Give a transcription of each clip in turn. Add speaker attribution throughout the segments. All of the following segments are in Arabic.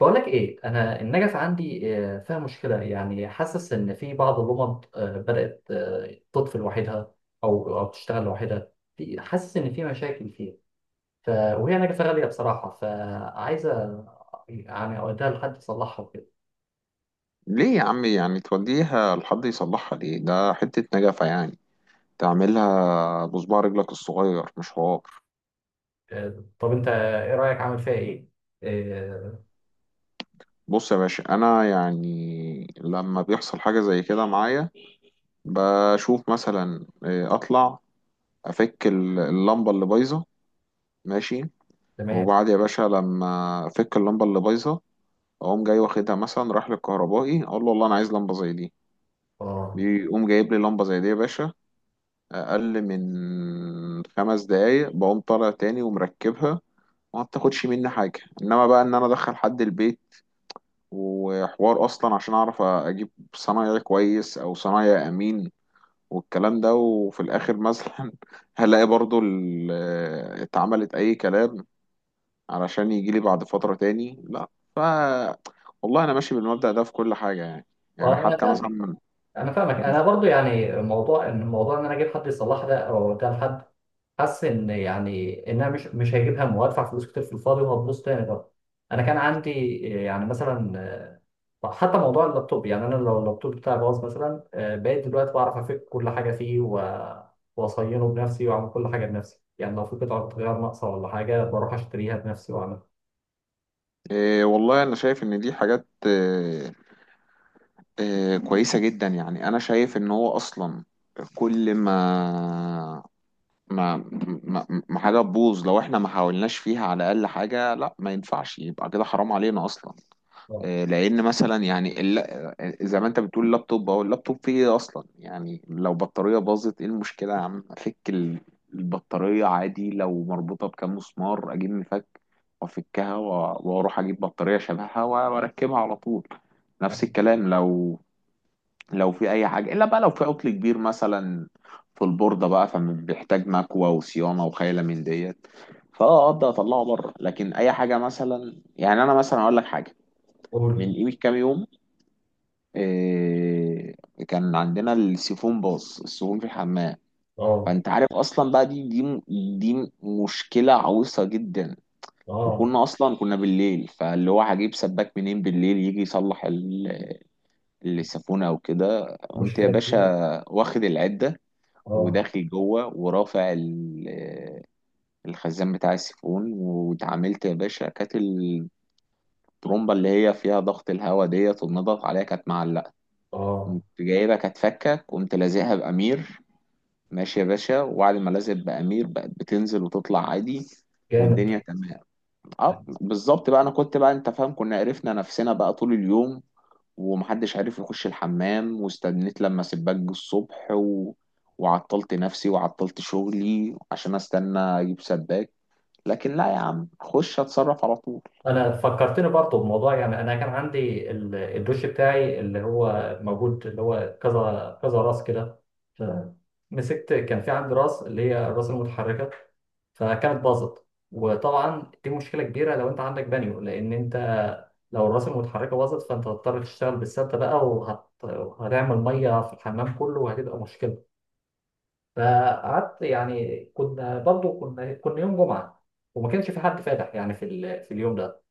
Speaker 1: بقولك ايه، انا النجف عندي فيها مشكله. يعني حاسس ان في بعض اللمض بدات تطفي لوحدها او تشتغل لوحدها. في حاسس ان في مشاكل فيها، ف وهي نجفه غاليه بصراحه، فعايزه يعني اوديها لحد يصلحها وكده.
Speaker 2: ليه يا عم يعني توديها لحد يصلحها؟ ليه؟ ده حتة نجفة يعني تعملها بصباع رجلك الصغير، مش حوار.
Speaker 1: طب انت ايه رايك؟ عامل فيها ايه؟ آه،
Speaker 2: بص يا باشا، انا يعني لما بيحصل حاجة زي كده معايا بشوف مثلا، اطلع افك اللمبة اللي بايظة. ماشي.
Speaker 1: تمام.
Speaker 2: وبعد يا باشا لما افك اللمبة اللي بايظة، اقوم جاي واخدها، مثلا رايح للكهربائي، اقول له والله انا عايز لمبة زي دي.
Speaker 1: اه.
Speaker 2: بيقوم جايب لي لمبة زي دي يا باشا. اقل من 5 دقايق بقوم طالع تاني ومركبها. وما بتاخدش مني حاجه. انما بقى ان انا ادخل حد البيت وحوار اصلا عشان اعرف اجيب صنايعي كويس او صنايعي امين والكلام ده. وفي الاخر مثلا هلاقي برضو اتعملت اي كلام علشان يجي لي بعد فتره تاني. لا. ف والله انا ماشي بالمبدأ ده في كل حاجه يعني. يعني
Speaker 1: انا
Speaker 2: حتى مثلا
Speaker 1: فاهمك،
Speaker 2: من.
Speaker 1: انا فاهمك. انا برضو يعني موضوع ان انا اجيب حد يصلحها ده او اوديها لحد، حس ان يعني انها مش هيجيب همه، وهدفع فلوس كتير في الفاضي وهتبوظ تاني بقى. انا كان عندي يعني مثلا، حتى موضوع اللابتوب. يعني انا لو اللابتوب بتاعي باظ مثلا، بقيت دلوقتي بعرف افك كل حاجه فيه واصينه بنفسي واعمل كل حاجه بنفسي. يعني لو في قطعه غيار ناقصه ولا حاجه بروح اشتريها بنفسي واعملها.
Speaker 2: والله أنا شايف إن دي حاجات، كويسة جدا، يعني أنا شايف إن هو أصلا كل ما ما حاجة تبوظ لو إحنا ما حاولناش فيها على الأقل حاجة. لا، ما ينفعش يبقى كده، حرام علينا أصلا.
Speaker 1: آه.
Speaker 2: لأن مثلا يعني زي ما أنت بتقول اللابتوب اللابتوب فيه إيه أصلا. يعني لو بطارية باظت، إيه المشكلة يا عم؟ أفك البطارية عادي، لو مربوطة بكام مسمار أجيب مفك وأفكها و- وأروح أجيب بطارية شبهها وأركبها على طول. نفس الكلام لو في اي حاجه، الا بقى لو في عطل كبير مثلا في البورده بقى، فبيحتاج مكوى وصيانه وخيله من ديت. فاه اقدر اطلعه بره. لكن اي حاجه مثلا، يعني انا مثلا اقول لك حاجه، من
Speaker 1: قول.
Speaker 2: قيمه كام يوم. إيه كان عندنا السيفون باظ، السيفون في الحمام.
Speaker 1: اه.
Speaker 2: فانت عارف اصلا بقى دي مشكله عويصه جدا.
Speaker 1: اه.
Speaker 2: وكنا اصلا كنا بالليل، فاللي هو هجيب سباك منين بالليل يجي يصلح السيفون او كده؟ قمت يا
Speaker 1: مشكله
Speaker 2: باشا
Speaker 1: كبيره.
Speaker 2: واخد العده،
Speaker 1: اه.
Speaker 2: وداخل جوه ورافع الخزان بتاع السيفون. واتعاملت يا باشا، كانت الطرمبة اللي هي فيها ضغط الهواء ديت والنضغط عليها كانت معلقة.
Speaker 1: اه.
Speaker 2: قمت جايبها كانت فكة، قمت لازقها بأمير. ماشي يا باشا، وبعد ما لازق بأمير بقت بتنزل وتطلع عادي، والدنيا
Speaker 1: جامد.
Speaker 2: تمام. اه، بالظبط بقى. انا كنت بقى، انت فاهم، كنا عرفنا نفسنا بقى طول اليوم، ومحدش عارف يخش الحمام، واستنيت لما سباك جه الصبح وعطلت نفسي وعطلت شغلي عشان استنى اجيب سباك. لكن لا يا عم، اخش اتصرف على طول.
Speaker 1: انا فكرتني برضه بموضوع. يعني انا كان عندي الدوش بتاعي اللي هو موجود، اللي هو كذا كذا راس كده. ف- مسكت، كان في عندي راس اللي هي الراس المتحركه، فكانت باظت. وطبعا دي مشكله كبيره لو انت عندك بانيو، لان انت لو الراس المتحركه باظت فانت هتضطر تشتغل بالسده بقى، وهتعمل ميه في الحمام كله وهتبقى مشكله. فقعدت، يعني كنا برضه كنا يوم جمعه، وما كانش في حد فاتح يعني في ال... في اليوم ده.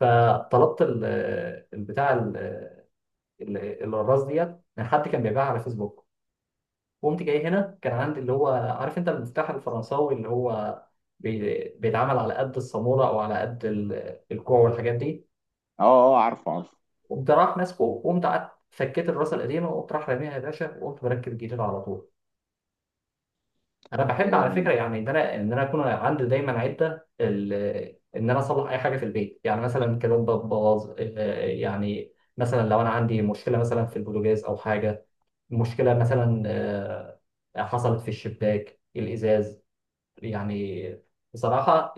Speaker 1: فطلبت البتاع ال- الراس ديت من حد كان بيبيعها على فيسبوك. قمت جاي هنا، كان عندي اللي هو، عارف انت المفتاح الفرنساوي اللي هو بيتعمل على قد الصامولة او على قد الكوع والحاجات دي.
Speaker 2: اه، اه، عارفه، عارفه.
Speaker 1: قمت راح ماسكه، وقمت قعدت فكيت الراس القديمه وقمت راح راميها يا باشا، وقمت مركب الجديد على طول. انا بحب على
Speaker 2: إيه،
Speaker 1: فكره، يعني ان انا اكون عندي دايما عده ان انا اصلح اي حاجه في البيت. يعني مثلا كلام باظ يعني مثلا لو انا عندي مشكله مثلا في البوتاجاز او حاجه، مشكله مثلا حصلت في الشباك الازاز. يعني بصراحه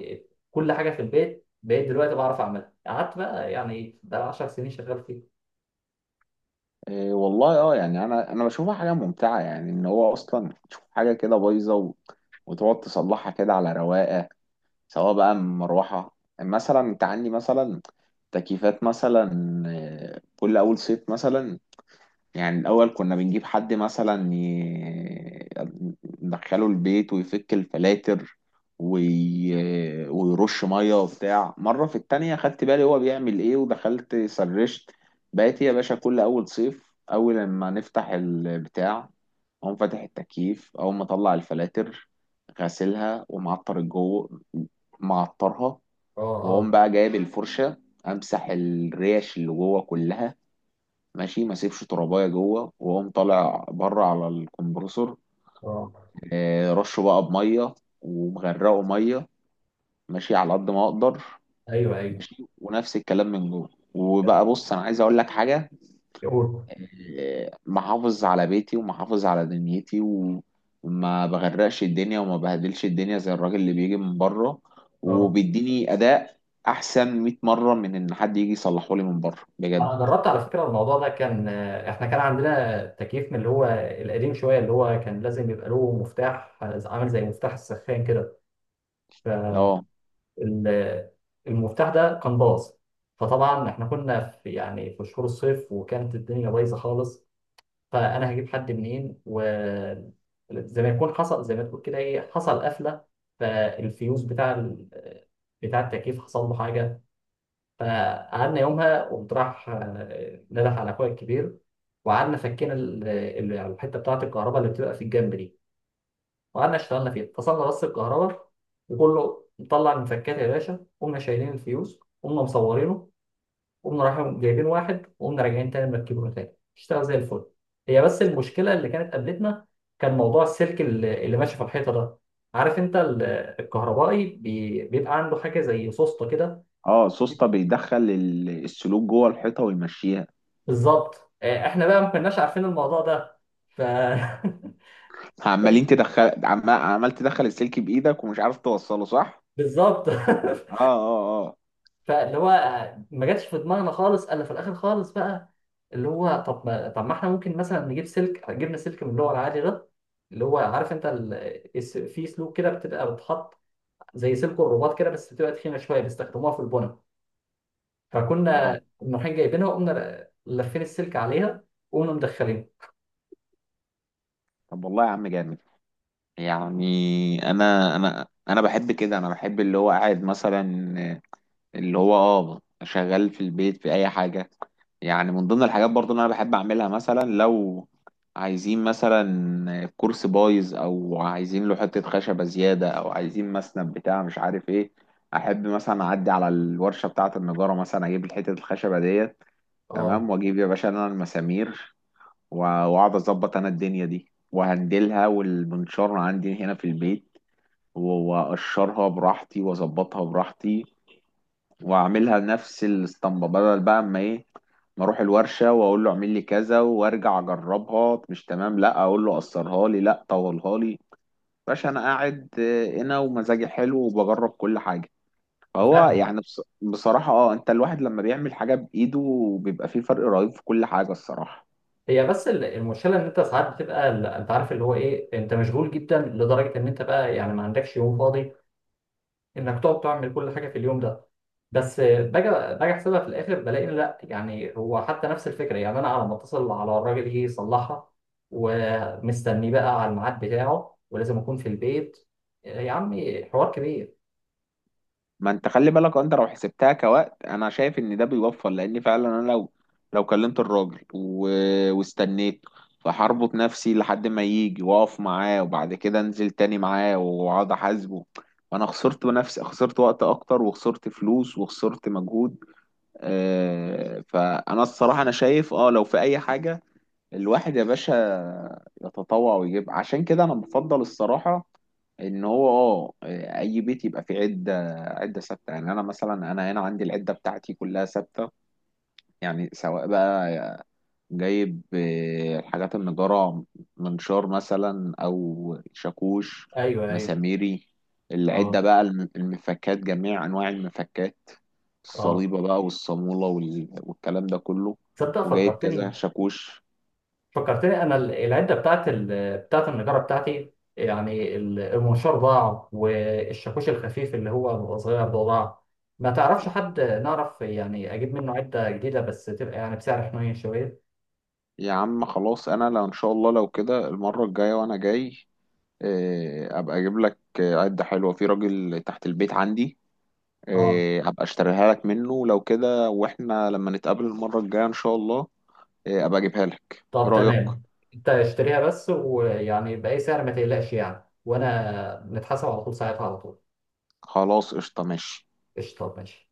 Speaker 1: كل حاجه في البيت بقيت دلوقتي بعرف اعملها. قعدت بقى يعني بقى 10 سنين شغال فيه.
Speaker 2: إيه والله، يعني انا بشوفها حاجه ممتعه، يعني ان هو اصلا تشوف حاجه كده بايظه و... وتقعد تصلحها كده على رواقه. سواء بقى مروحه مثلا، انت عندي مثلا تكييفات مثلا، كل اول صيف مثلا. يعني الأول كنا بنجيب حد مثلا ندخله البيت ويفك الفلاتر، وي... ويرش مية وبتاع. مرة في التانية خدت بالي هو بيعمل ايه، ودخلت سرشت. بقيت يا باشا كل أول صيف، أول لما نفتح البتاع، أقوم فاتح التكييف، أقوم مطلع الفلاتر، غاسلها ومعطر الجو، معطرها،
Speaker 1: اه. اه.
Speaker 2: وأقوم بقى جايب الفرشة، أمسح الريش اللي جوه كلها، ماشي، ما سيبش ترابايه جوه، وقوم طالع بره على الكمبرسور.
Speaker 1: اه.
Speaker 2: رشه بقى بميه، ومغرقه ميه، ماشي على قد ما اقدر.
Speaker 1: ايوه ايوه.
Speaker 2: ماشي، ونفس الكلام من جوه. وبقى بص، انا عايز اقول لك حاجه.
Speaker 1: قول.
Speaker 2: محافظ على بيتي ومحافظ على دنيتي، وما بغرقش الدنيا وما بهدلش الدنيا زي الراجل اللي بيجي من بره
Speaker 1: اه.
Speaker 2: وبيديني اداء احسن 100 مره من ان حد يجي يصلحه لي من بره، بجد.
Speaker 1: انا جربت على فكره الموضوع ده. كان احنا كان عندنا تكييف من اللي هو القديم شويه، اللي هو كان لازم يبقى له مفتاح عامل زي مفتاح السخان كده.
Speaker 2: اه،
Speaker 1: ال- المفتاح ده كان باظ. فطبعا احنا كنا في يعني في شهور الصيف، وكانت الدنيا بايظه خالص. فانا هجيب حد منين؟ وزي ما يكون حصل، زي ما تقول كده، ايه، حصل قفله. فالفيوز بتاع ال... بتاع التكييف حصل له حاجه. فقعدنا يومها، قمت راح نده على اخويا الكبير، وقعدنا فكينا يعني الحته بتاعه الكهرباء اللي بتبقى في الجنب دي. وقعدنا اشتغلنا فيها، فصلنا بس الكهرباء وكله، مطلع المفكات يا باشا، قمنا شايلين الفيوز، قمنا مصورينه، قمنا رايحين جايبين واحد، وقمنا راجعين تاني مركبينه تاني، اشتغل زي الفل. هي بس المشكله اللي كانت قابلتنا، كان موضوع السلك اللي ماشي في الحيطه ده. عارف انت الكهربائي بيبقى عنده حاجه زي سوسته كده.
Speaker 2: اه، سوسته بيدخل السلوك جوه الحيطه ويمشيها.
Speaker 1: بالظبط، احنا بقى ما كناش عارفين الموضوع ده. ف
Speaker 2: عمال تدخل السلك بايدك، ومش عارف توصله صح.
Speaker 1: بالظبط.
Speaker 2: اه، اه، اه،
Speaker 1: فاللي هو ما جاتش في دماغنا خالص، الا في الاخر خالص بقى اللي هو، طب ما احنا ممكن مثلا نجيب سلك. جبنا سلك من اللي هو العادي ده، اللي هو، عارف انت ال... في سلوك كده بتبقى بتحط، زي سلك الرباط كده بس بتبقى تخينه شويه، بيستخدموها في البنا.
Speaker 2: اه.
Speaker 1: فكنا رايحين جايبينها، وقمنا لافين السلك عليها وقمنا مدخلينها.
Speaker 2: طب والله يا عم جامد. يعني انا بحب كده، انا بحب اللي هو قاعد مثلا، اللي هو شغال في البيت في اي حاجه. يعني من ضمن الحاجات برضو اللي انا بحب اعملها، مثلا لو عايزين مثلا كرسي بايظ، او عايزين له حته خشبه زياده، او عايزين مسند بتاع مش عارف ايه، احب مثلا اعدي على الورشه بتاعه النجاره، مثلا اجيب حته الخشبه ديت.
Speaker 1: اه.
Speaker 2: تمام، واجيب يا باشا انا المسامير، و- واقعد اظبط انا الدنيا دي وهندلها، والمنشار عندي هنا في البيت، و- واقشرها براحتي واظبطها براحتي، واعملها نفس الاسطمبه. بدل بقى اما ايه؟ ما اروح الورشه واقول له اعمل لي كذا، وارجع اجربها مش تمام، لا اقول له قصرها لي، لا طولها لي. باشا انا قاعد هنا ومزاجي حلو وبجرب كل حاجه. فهو
Speaker 1: فاهم.
Speaker 2: يعني بصراحه، انت الواحد لما بيعمل حاجه بايده بيبقى فيه فرق رهيب في كل حاجه، الصراحه.
Speaker 1: هي بس المشكله ان انت ساعات بتبقى انت عارف اللي هو ايه، انت مشغول جدا لدرجه ان انت بقى يعني ما عندكش يوم فاضي انك تقعد تعمل كل حاجه في اليوم ده. بس باجي احسبها في الاخر بلاقي إن لا، يعني هو حتى نفس الفكره. يعني انا على ما اتصل على الراجل يجي يصلحها، ومستني بقى على الميعاد بتاعه، ولازم اكون في البيت. يا عمي حوار كبير.
Speaker 2: ما انت خلي بالك، انت لو حسبتها كوقت، انا شايف ان ده بيوفر، لان فعلا انا لو كلمت الراجل و... واستنيت، فهربط نفسي لحد ما يجي، واقف معاه، وبعد كده انزل تاني معاه، واقعد احاسبه، وانا خسرت نفسي، خسرت وقت اكتر، وخسرت فلوس، وخسرت مجهود. فانا الصراحة انا شايف، لو في اي حاجة، الواحد يا باشا يتطوع ويجيب. عشان كده انا بفضل الصراحة ان هو اه اي بيت يبقى فيه عده، عده ثابته. يعني انا مثلا انا هنا عندي العده بتاعتي كلها ثابته، يعني سواء بقى جايب الحاجات النجاره، منشار مثلا او شاكوش،
Speaker 1: ايوه ايوه.
Speaker 2: مساميري، العده
Speaker 1: اه
Speaker 2: بقى، المفكات، جميع انواع المفكات،
Speaker 1: اه.
Speaker 2: الصليبه بقى والصاموله، وال- والكلام ده كله،
Speaker 1: تصدق
Speaker 2: وجايب كذا
Speaker 1: فكرتني.
Speaker 2: شاكوش.
Speaker 1: فكرتني انا العده بتاعت ال... بتاعت النجاره بتاعتي. يعني المنشار ضاع، والشاكوش الخفيف اللي هو بيبقى صغير ده ضاع. ما تعرفش حد نعرف يعني اجيب منه عده جديده، بس تبقى يعني بسعر حنين شويه.
Speaker 2: يا عم خلاص، انا لو ان شاء الله لو كده، المره الجايه وانا جاي ابقى اجيب لك عدة حلوة. في راجل تحت البيت عندي،
Speaker 1: اه.
Speaker 2: ابقى اشتريها لك منه لو كده، واحنا لما نتقابل المرة الجاية ان شاء الله ابقى اجيبها لك. ايه
Speaker 1: طب
Speaker 2: رأيك؟
Speaker 1: تمام. انت اشتريها بس، ويعني باي سعر ما تقلقش، يعني وانا نتحاسب على طول ساعتها على طول.
Speaker 2: خلاص، قشطة، ماشي.
Speaker 1: قشطه ماشي.